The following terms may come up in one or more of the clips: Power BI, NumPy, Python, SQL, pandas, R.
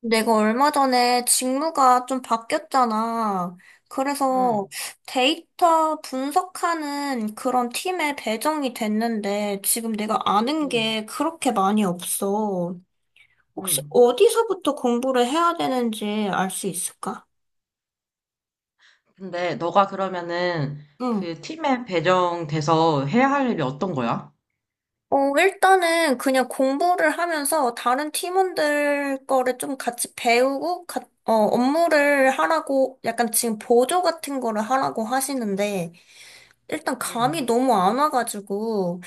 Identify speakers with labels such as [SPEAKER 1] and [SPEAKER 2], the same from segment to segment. [SPEAKER 1] 내가 얼마 전에 직무가 좀 바뀌었잖아. 그래서
[SPEAKER 2] 음,
[SPEAKER 1] 데이터 분석하는 그런 팀에 배정이 됐는데 지금 내가 아는
[SPEAKER 2] 음,
[SPEAKER 1] 게 그렇게 많이 없어. 혹시
[SPEAKER 2] 음.
[SPEAKER 1] 어디서부터 공부를 해야 되는지 알 수 있을까?
[SPEAKER 2] 근데 너가 그러면은
[SPEAKER 1] 응.
[SPEAKER 2] 그 팀에 배정돼서 해야 할 일이 어떤 거야?
[SPEAKER 1] 일단은 그냥 공부를 하면서 다른 팀원들 거를 좀 같이 배우고, 업무를 하라고, 약간 지금 보조 같은 거를 하라고 하시는데, 일단 감이
[SPEAKER 2] 음,
[SPEAKER 1] 너무 안 와가지고,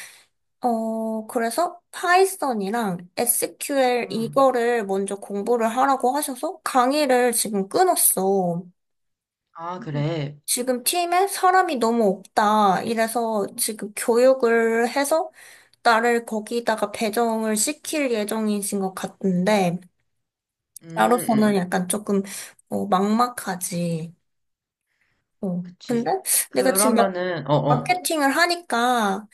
[SPEAKER 1] 그래서 파이썬이랑 SQL
[SPEAKER 2] 음.
[SPEAKER 1] 이거를 먼저 공부를 하라고 하셔서 강의를 지금 끊었어.
[SPEAKER 2] 아, 그래.
[SPEAKER 1] 지금 팀에 사람이 너무 없다. 이래서 지금 교육을 해서 나를 거기다가 배정을 시킬 예정이신 것 같은데,
[SPEAKER 2] 음,
[SPEAKER 1] 나로서는
[SPEAKER 2] 음.
[SPEAKER 1] 약간 조금, 막막하지. 어. 근데
[SPEAKER 2] 그치.
[SPEAKER 1] 내가 지금
[SPEAKER 2] 그러면은, 어, 어.
[SPEAKER 1] 마케팅을 하니까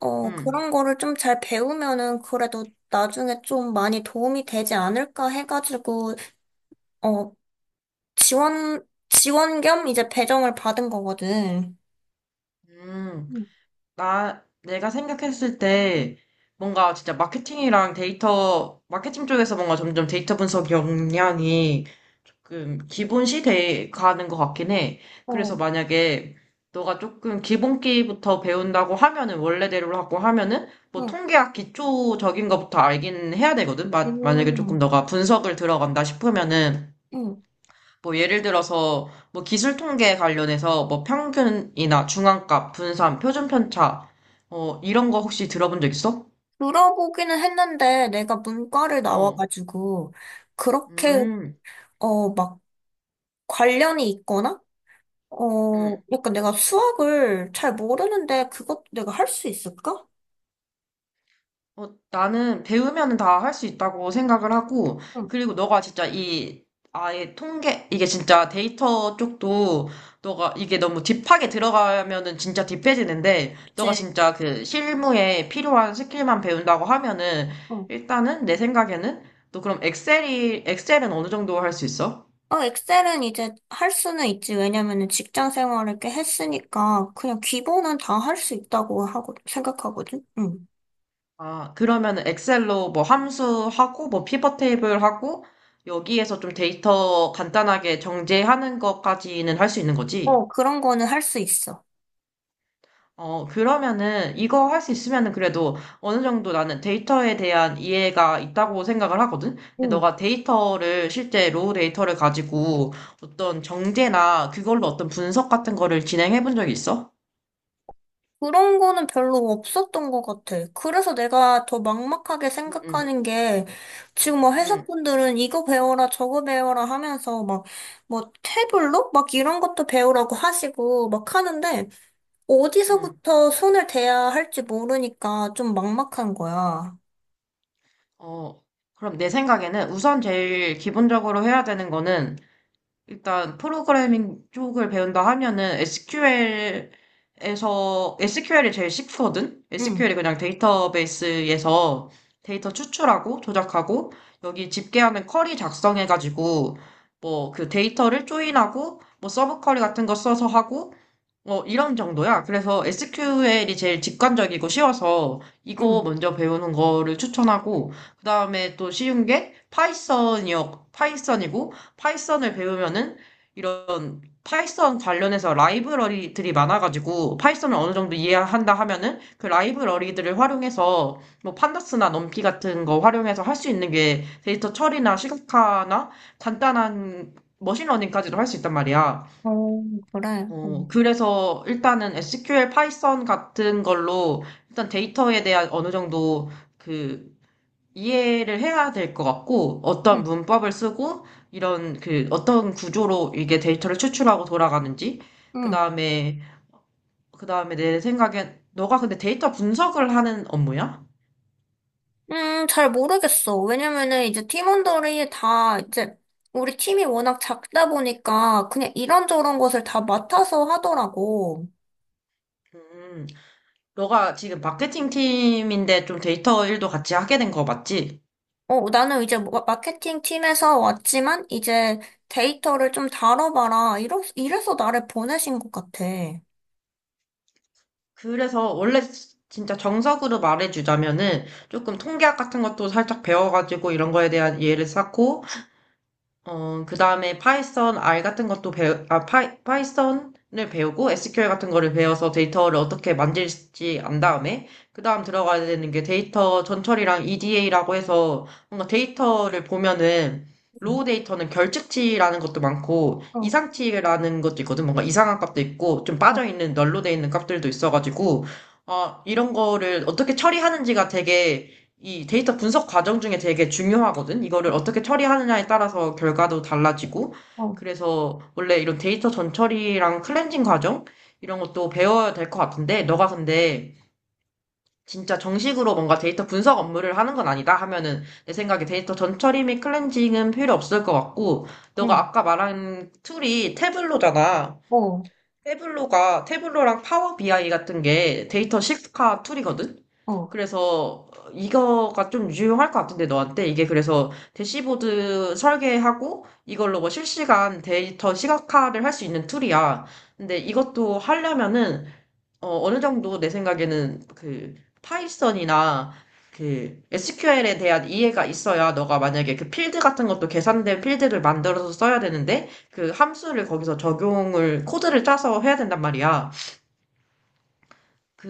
[SPEAKER 2] 음,
[SPEAKER 1] 그런 거를 좀 잘 배우면은 그래도 나중에 좀 많이 도움이 되지 않을까 해가지고, 어, 지원 겸 이제 배정을 받은 거거든.
[SPEAKER 2] 음.
[SPEAKER 1] 음.
[SPEAKER 2] 내가 생각했을 때 뭔가 진짜 마케팅이랑 데이터, 마케팅 쪽에서 뭔가 점점 데이터 분석 역량이 조금 기본시 돼 가는 것 같긴 해. 그래서
[SPEAKER 1] 어,
[SPEAKER 2] 만약에 너가 조금 기본기부터 배운다고 하면은, 원래대로 하고 하면은, 뭐
[SPEAKER 1] 응,
[SPEAKER 2] 통계학 기초적인 것부터 알긴 해야 되거든? 만약에 조금
[SPEAKER 1] 음,
[SPEAKER 2] 너가 분석을 들어간다 싶으면은,
[SPEAKER 1] 응.
[SPEAKER 2] 뭐 예를 들어서 뭐 기술 통계 관련해서 뭐 평균이나 중앙값, 분산, 표준 편차 이런 거 혹시 들어본 적 있어?
[SPEAKER 1] 들어보기는 했는데 내가 문과를
[SPEAKER 2] 어.
[SPEAKER 1] 나와가지고, 그렇게,
[SPEAKER 2] 음.
[SPEAKER 1] 어, 막 관련이 있거나,
[SPEAKER 2] 음.
[SPEAKER 1] 약간 내가 수학을 잘 모르는데 그것도 내가 할 수 있을까?
[SPEAKER 2] 나는 배우면 다 할 수 있다고 생각을 하고,
[SPEAKER 1] 응,
[SPEAKER 2] 그리고 너가 진짜 이, 아예 통계, 이게 진짜 데이터 쪽도, 너가 이게 너무 딥하게 들어가면은 진짜 딥해지는데, 너가
[SPEAKER 1] 이제,
[SPEAKER 2] 진짜 그 실무에 필요한 스킬만 배운다고 하면은,
[SPEAKER 1] 어.
[SPEAKER 2] 일단은 내 생각에는, 너 그럼 엑셀은 어느 정도 할 수 있어?
[SPEAKER 1] 어, 엑셀은 이제 할 수는 있지. 왜냐면은 직장 생활을 꽤 했으니까 그냥 기본은 다 할 수 있다고 하고 생각하거든. 응.
[SPEAKER 2] 아, 그러면은 엑셀로 뭐 함수하고, 뭐 피벗 테이블 하고, 여기에서 좀 데이터 간단하게 정제하는 것까지는 할 수 있는 거지?
[SPEAKER 1] 어, 그런 거는 할 수 있어.
[SPEAKER 2] 그러면은 이거 할 수 있으면은 그래도 어느 정도 나는 데이터에 대한 이해가 있다고 생각을 하거든? 근데
[SPEAKER 1] 응.
[SPEAKER 2] 너가 데이터를 실제 로우 데이터를 가지고 어떤 정제나 그걸로 어떤 분석 같은 거를 진행해 본 적이 있어?
[SPEAKER 1] 그런 거는 별로 없었던 것 같아. 그래서 내가 더 막막하게
[SPEAKER 2] 응, 응,
[SPEAKER 1] 생각하는 게 지금 뭐
[SPEAKER 2] 응,
[SPEAKER 1] 회사분들은 이거 배워라 저거 배워라 하면서 막 뭐 태블로 막 이런 것도 배우라고 하시고 막 하는데
[SPEAKER 2] 응.
[SPEAKER 1] 어디서부터 손을 대야 할지 모르니까 좀 막막한 거야.
[SPEAKER 2] 어, 그럼 내 생각에는 우선 제일 기본적으로 해야 되는 거는 일단 프로그래밍 쪽을 배운다 하면은 SQL에서 SQL이 제일 쉽거든.
[SPEAKER 1] 응.
[SPEAKER 2] SQL이 그냥 데이터베이스에서 데이터 추출하고 조작하고 여기 집계하는 쿼리 작성해가지고 뭐 그 데이터를 조인하고 뭐 서브 쿼리 같은 거 써서 하고 뭐 이런 정도야. 그래서 SQL이 제일 직관적이고 쉬워서
[SPEAKER 1] 응.
[SPEAKER 2] 이거 먼저 배우는 거를 추천하고 그다음에 또 쉬운 게 파이썬이요. 파이썬이고 파이썬을 배우면은 이런 파이썬 관련해서 라이브러리들이 많아가지고 파이썬을 어느 정도 이해한다 하면은 그 라이브러리들을 활용해서 뭐 판다스나 넘피 같은 거 활용해서 할 수 있는 게 데이터 처리나 시각화나 간단한 머신러닝까지도 할 수 있단 말이야.
[SPEAKER 1] 어, 그래. 응.
[SPEAKER 2] 그래서 일단은 SQL 파이썬 같은 걸로 일단 데이터에 대한 어느 정도 그 이해를 해야 될 것 같고, 어떤
[SPEAKER 1] 응.
[SPEAKER 2] 문법을 쓰고, 이런 그, 어떤 구조로 이게 데이터를 추출하고 돌아가는지, 그
[SPEAKER 1] 응.
[SPEAKER 2] 다음에, 그 다음에 내 생각엔, 너가 근데 데이터 분석을 하는 업무야?
[SPEAKER 1] 잘 모르겠어. 왜냐면은 이제 팀원들이 다 이제 우리 팀이 워낙 작다 보니까 그냥 이런저런 것을 다 맡아서 하더라고.
[SPEAKER 2] 음, 너가 지금 마케팅 팀인데 좀 데이터 일도 같이 하게 된 거 맞지?
[SPEAKER 1] 나는 이제 마케팅 팀에서 왔지만 이제 데이터를 좀 다뤄봐라. 이래서 나를 보내신 것 같아. 응.
[SPEAKER 2] 그래서 원래 진짜 정석으로 말해주자면은 조금 통계학 같은 것도 살짝 배워가지고 이런 거에 대한 이해를 쌓고, 그다음에 파이썬 R 같은 것도 파이썬을 배우고 SQL 같은 거를 배워서 데이터를 어떻게 만질지 안 다음에 그다음 들어가야 되는 게 데이터 전처리랑 EDA라고 해서 뭔가 데이터를 보면은 로우 데이터는 결측치라는 것도 많고
[SPEAKER 1] 어,
[SPEAKER 2] 이상치라는 것도 있거든. 뭔가 이상한 값도 있고 좀
[SPEAKER 1] 어,
[SPEAKER 2] 빠져 있는 널로 돼 있는 값들도 있어가지고 이런 거를 어떻게 처리하는지가 되게 이 데이터 분석 과정 중에 되게 중요하거든. 이거를 어떻게 처리하느냐에 따라서 결과도 달라지고.
[SPEAKER 1] 어,
[SPEAKER 2] 그래서 원래 이런 데이터 전처리랑 클렌징 과정 이런 것도 배워야 될 것 같은데, 너가 근데 진짜 정식으로 뭔가 데이터 분석 업무를 하는 건 아니다 하면은 내 생각에 데이터 전처리 및 클렌징은 필요 없을 것 같고, 너가
[SPEAKER 1] 응.
[SPEAKER 2] 아까 말한 툴이 태블로잖아.
[SPEAKER 1] 어,
[SPEAKER 2] 태블로가 태블로랑 파워 BI 같은 게 데이터 시카 툴이거든.
[SPEAKER 1] 어.
[SPEAKER 2] 그래서 이거가 좀 유용할 것 같은데 너한테 이게 그래서 대시보드 설계하고 이걸로 뭐 실시간 데이터 시각화를 할 수 있는 툴이야. 근데 이것도 하려면은 어느 정도 내 생각에는 그 파이썬이나 그 SQL에 대한 이해가 있어야 너가 만약에 그 필드 같은 것도 계산된 필드를 만들어서 써야 되는데 그 함수를 거기서 적용을 코드를 짜서 해야 된단 말이야.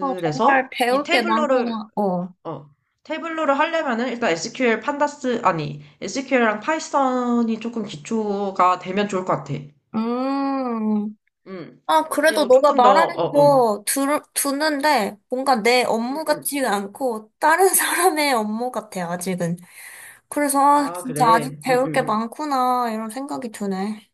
[SPEAKER 1] 어, 정말 배울 게 많구나. 어.
[SPEAKER 2] 어, 태블러를 하려면은 일단 SQL 판다스 아니 SQL랑 파이썬이 조금 기초가 되면 좋을 것 같아.
[SPEAKER 1] 음.
[SPEAKER 2] 음.
[SPEAKER 1] 아, 그래도
[SPEAKER 2] 그리고
[SPEAKER 1] 너가
[SPEAKER 2] 조금 더
[SPEAKER 1] 말하는
[SPEAKER 2] 어, 어.
[SPEAKER 1] 거 듣는데 뭔가 내 업무
[SPEAKER 2] 음.
[SPEAKER 1] 같지가 않고 다른 사람의 업무 같아, 아직은. 그래서, 아,
[SPEAKER 2] 아,
[SPEAKER 1] 진짜 아직
[SPEAKER 2] 그래.
[SPEAKER 1] 배울 게 많구나, 이런 생각이 드네.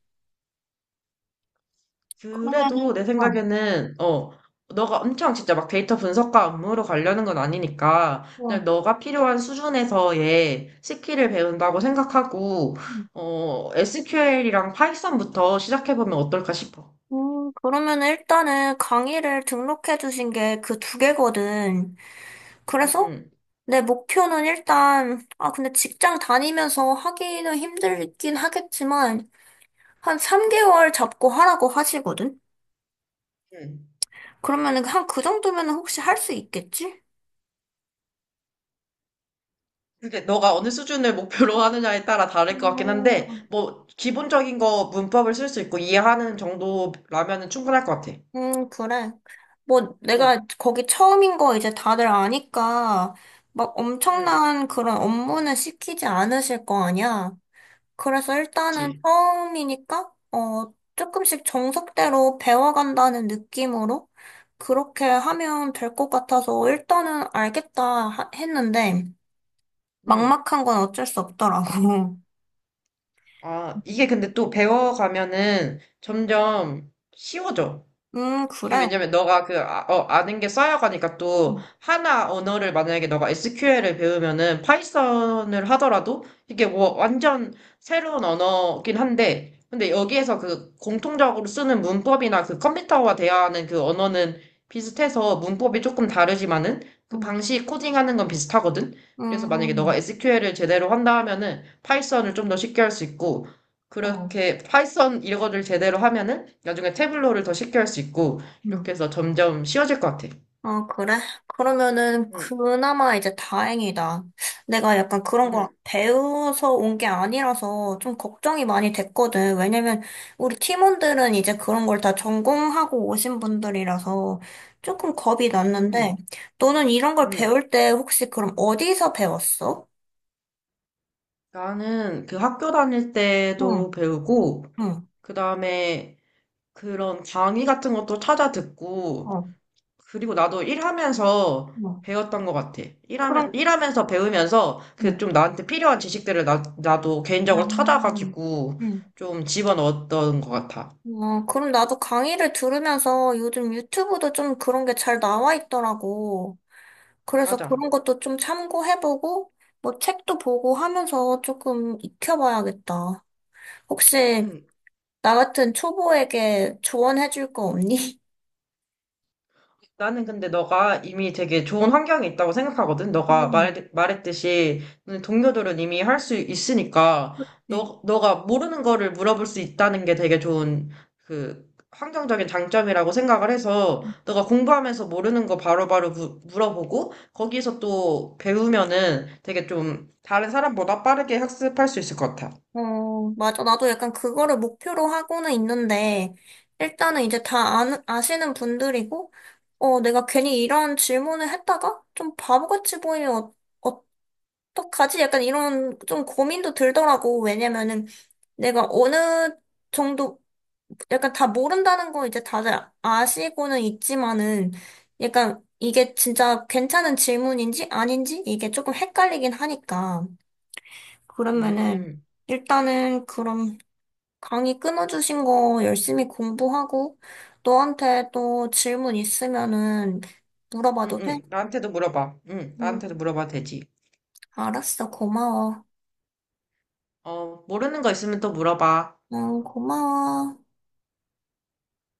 [SPEAKER 1] 그러면은,
[SPEAKER 2] 그래도 내
[SPEAKER 1] 어,
[SPEAKER 2] 생각에는, 너가 엄청 진짜 막 데이터 분석과 업무로 가려는 건 아니니까, 그냥
[SPEAKER 1] 어.
[SPEAKER 2] 너가 필요한 수준에서의 스킬을 배운다고 생각하고,
[SPEAKER 1] 음,
[SPEAKER 2] SQL이랑 파이썬부터 시작해보면 어떨까 싶어.
[SPEAKER 1] 그러면은 일단은 강의를 등록해 주신 게 그 두 개거든.
[SPEAKER 2] 응,
[SPEAKER 1] 그래서
[SPEAKER 2] 응,
[SPEAKER 1] 내 목표는 일단, 아, 근데 직장 다니면서 하기는 힘들긴 하겠지만, 한 3개월 잡고 하라고 하시거든.
[SPEAKER 2] 응.
[SPEAKER 1] 그러면은 한 그 정도면은 혹시 할 수 있겠지?
[SPEAKER 2] 그게 너가 어느 수준을 목표로 하느냐에 따라 다를 것 같긴 한데,
[SPEAKER 1] 음,
[SPEAKER 2] 뭐, 기본적인 거 문법을 쓸 수 있고 이해하는 정도라면은 충분할 것 같아.
[SPEAKER 1] 그래. 뭐
[SPEAKER 2] 응,
[SPEAKER 1] 내가 거기 처음인 거 이제 다들 아니까 막
[SPEAKER 2] 응,
[SPEAKER 1] 엄청난 그런 업무는 시키지 않으실 거 아니야. 그래서 일단은
[SPEAKER 2] 그치.
[SPEAKER 1] 처음이니까 어 조금씩 정석대로 배워간다는 느낌으로 그렇게 하면 될 것 같아서 일단은 알겠다 했는데
[SPEAKER 2] 응.
[SPEAKER 1] 막막한 건 어쩔 수 없더라고.
[SPEAKER 2] 아, 이게 근데 또 배워가면은 점점 쉬워져. 이게
[SPEAKER 1] 그래.
[SPEAKER 2] 왜냐면 너가 아는 게 쌓여가니까 또 하나 언어를 만약에 너가 SQL을 배우면은 파이썬을 하더라도 이게 뭐 완전 새로운 언어긴 한데 근데 여기에서 그 공통적으로 쓰는 문법이나 그 컴퓨터와 대화하는 그 언어는 비슷해서 문법이 조금 다르지만은 그
[SPEAKER 1] 음,
[SPEAKER 2] 방식 코딩하는 건 비슷하거든. 그래서 만약에 너가
[SPEAKER 1] 음.
[SPEAKER 2] SQL을 제대로 한다 하면은 파이썬을 좀 더 쉽게 할 수 있고
[SPEAKER 1] 어,
[SPEAKER 2] 그렇게 파이썬 이거를 제대로 하면은 나중에 태블로를 더 쉽게 할 수 있고
[SPEAKER 1] 응.
[SPEAKER 2] 이렇게 해서 점점 쉬워질 것 같아.
[SPEAKER 1] 아, 그래? 그러면은
[SPEAKER 2] 응,
[SPEAKER 1] 그나마 이제 다행이다. 내가 약간 그런 걸
[SPEAKER 2] 응,
[SPEAKER 1] 배워서 온 게 아니라서 좀 걱정이 많이 됐거든. 왜냐면 우리 팀원들은 이제 그런 걸 다 전공하고 오신 분들이라서 조금 겁이
[SPEAKER 2] 응,
[SPEAKER 1] 났는데, 너는 이런 걸
[SPEAKER 2] 응.
[SPEAKER 1] 배울 때 혹시 그럼 어디서 배웠어?
[SPEAKER 2] 나는 그 학교 다닐 때도
[SPEAKER 1] 응,
[SPEAKER 2] 배우고,
[SPEAKER 1] 응,
[SPEAKER 2] 그 다음에 그런 강의 같은 것도 찾아 듣고,
[SPEAKER 1] 어,
[SPEAKER 2] 그리고 나도 일하면서
[SPEAKER 1] 응.
[SPEAKER 2] 배웠던 것 같아.
[SPEAKER 1] 그럼,
[SPEAKER 2] 일하면서 배우면서 그
[SPEAKER 1] 응.
[SPEAKER 2] 좀 나한테 필요한 지식들을 나도
[SPEAKER 1] 아,
[SPEAKER 2] 개인적으로 찾아가지고
[SPEAKER 1] 응.
[SPEAKER 2] 좀 집어넣었던 것 같아.
[SPEAKER 1] 아, 그럼 나도 강의를 들으면서 요즘 유튜브도 좀 그런 게 잘 나와 있더라고. 그래서
[SPEAKER 2] 맞아.
[SPEAKER 1] 그런 것도 좀 참고해보고, 뭐 책도 보고 하면서 조금 익혀봐야겠다. 혹시
[SPEAKER 2] 응.
[SPEAKER 1] 나 같은 초보에게 조언해줄 거 없니?
[SPEAKER 2] 나는 근데 너가 이미 되게 좋은 환경이 있다고 생각하거든. 너가
[SPEAKER 1] 음,
[SPEAKER 2] 말했듯이 동료들은 이미 할 수 있으니까
[SPEAKER 1] 네.
[SPEAKER 2] 너가 모르는 거를 물어볼 수 있다는 게 되게 좋은 그 환경적인 장점이라고 생각을 해서 너가 공부하면서 모르는 거 바로바로 물어보고 거기서 또 배우면은 되게 좀 다른 사람보다 빠르게 학습할 수 있을 것 같아.
[SPEAKER 1] 어, 맞아. 나도 약간 그거를 목표로 하고는 있는데, 일단은 이제 아시는 분들이고, 내가 괜히 이런 질문을 했다가 좀 바보같이 보이면 어, 어떡하지? 약간 이런 좀 고민도 들더라고. 왜냐면은 내가 어느 정도, 약간 다 모른다는 거 이제 다들 아시고는 있지만은 약간 이게 진짜 괜찮은 질문인지 아닌지 이게 조금 헷갈리긴 하니까. 그러면은
[SPEAKER 2] 음,
[SPEAKER 1] 일단은 그럼 강의 끊어주신 거 열심히 공부하고 너한테 또 질문 있으면은
[SPEAKER 2] 응,
[SPEAKER 1] 물어봐도 돼?
[SPEAKER 2] 응. 나한테도 물어봐. 응, 나한테도
[SPEAKER 1] 응,
[SPEAKER 2] 물어봐도 되지.
[SPEAKER 1] 알았어. 고마워.
[SPEAKER 2] 모르는 거 있으면 또 물어봐.
[SPEAKER 1] 응, 고마워.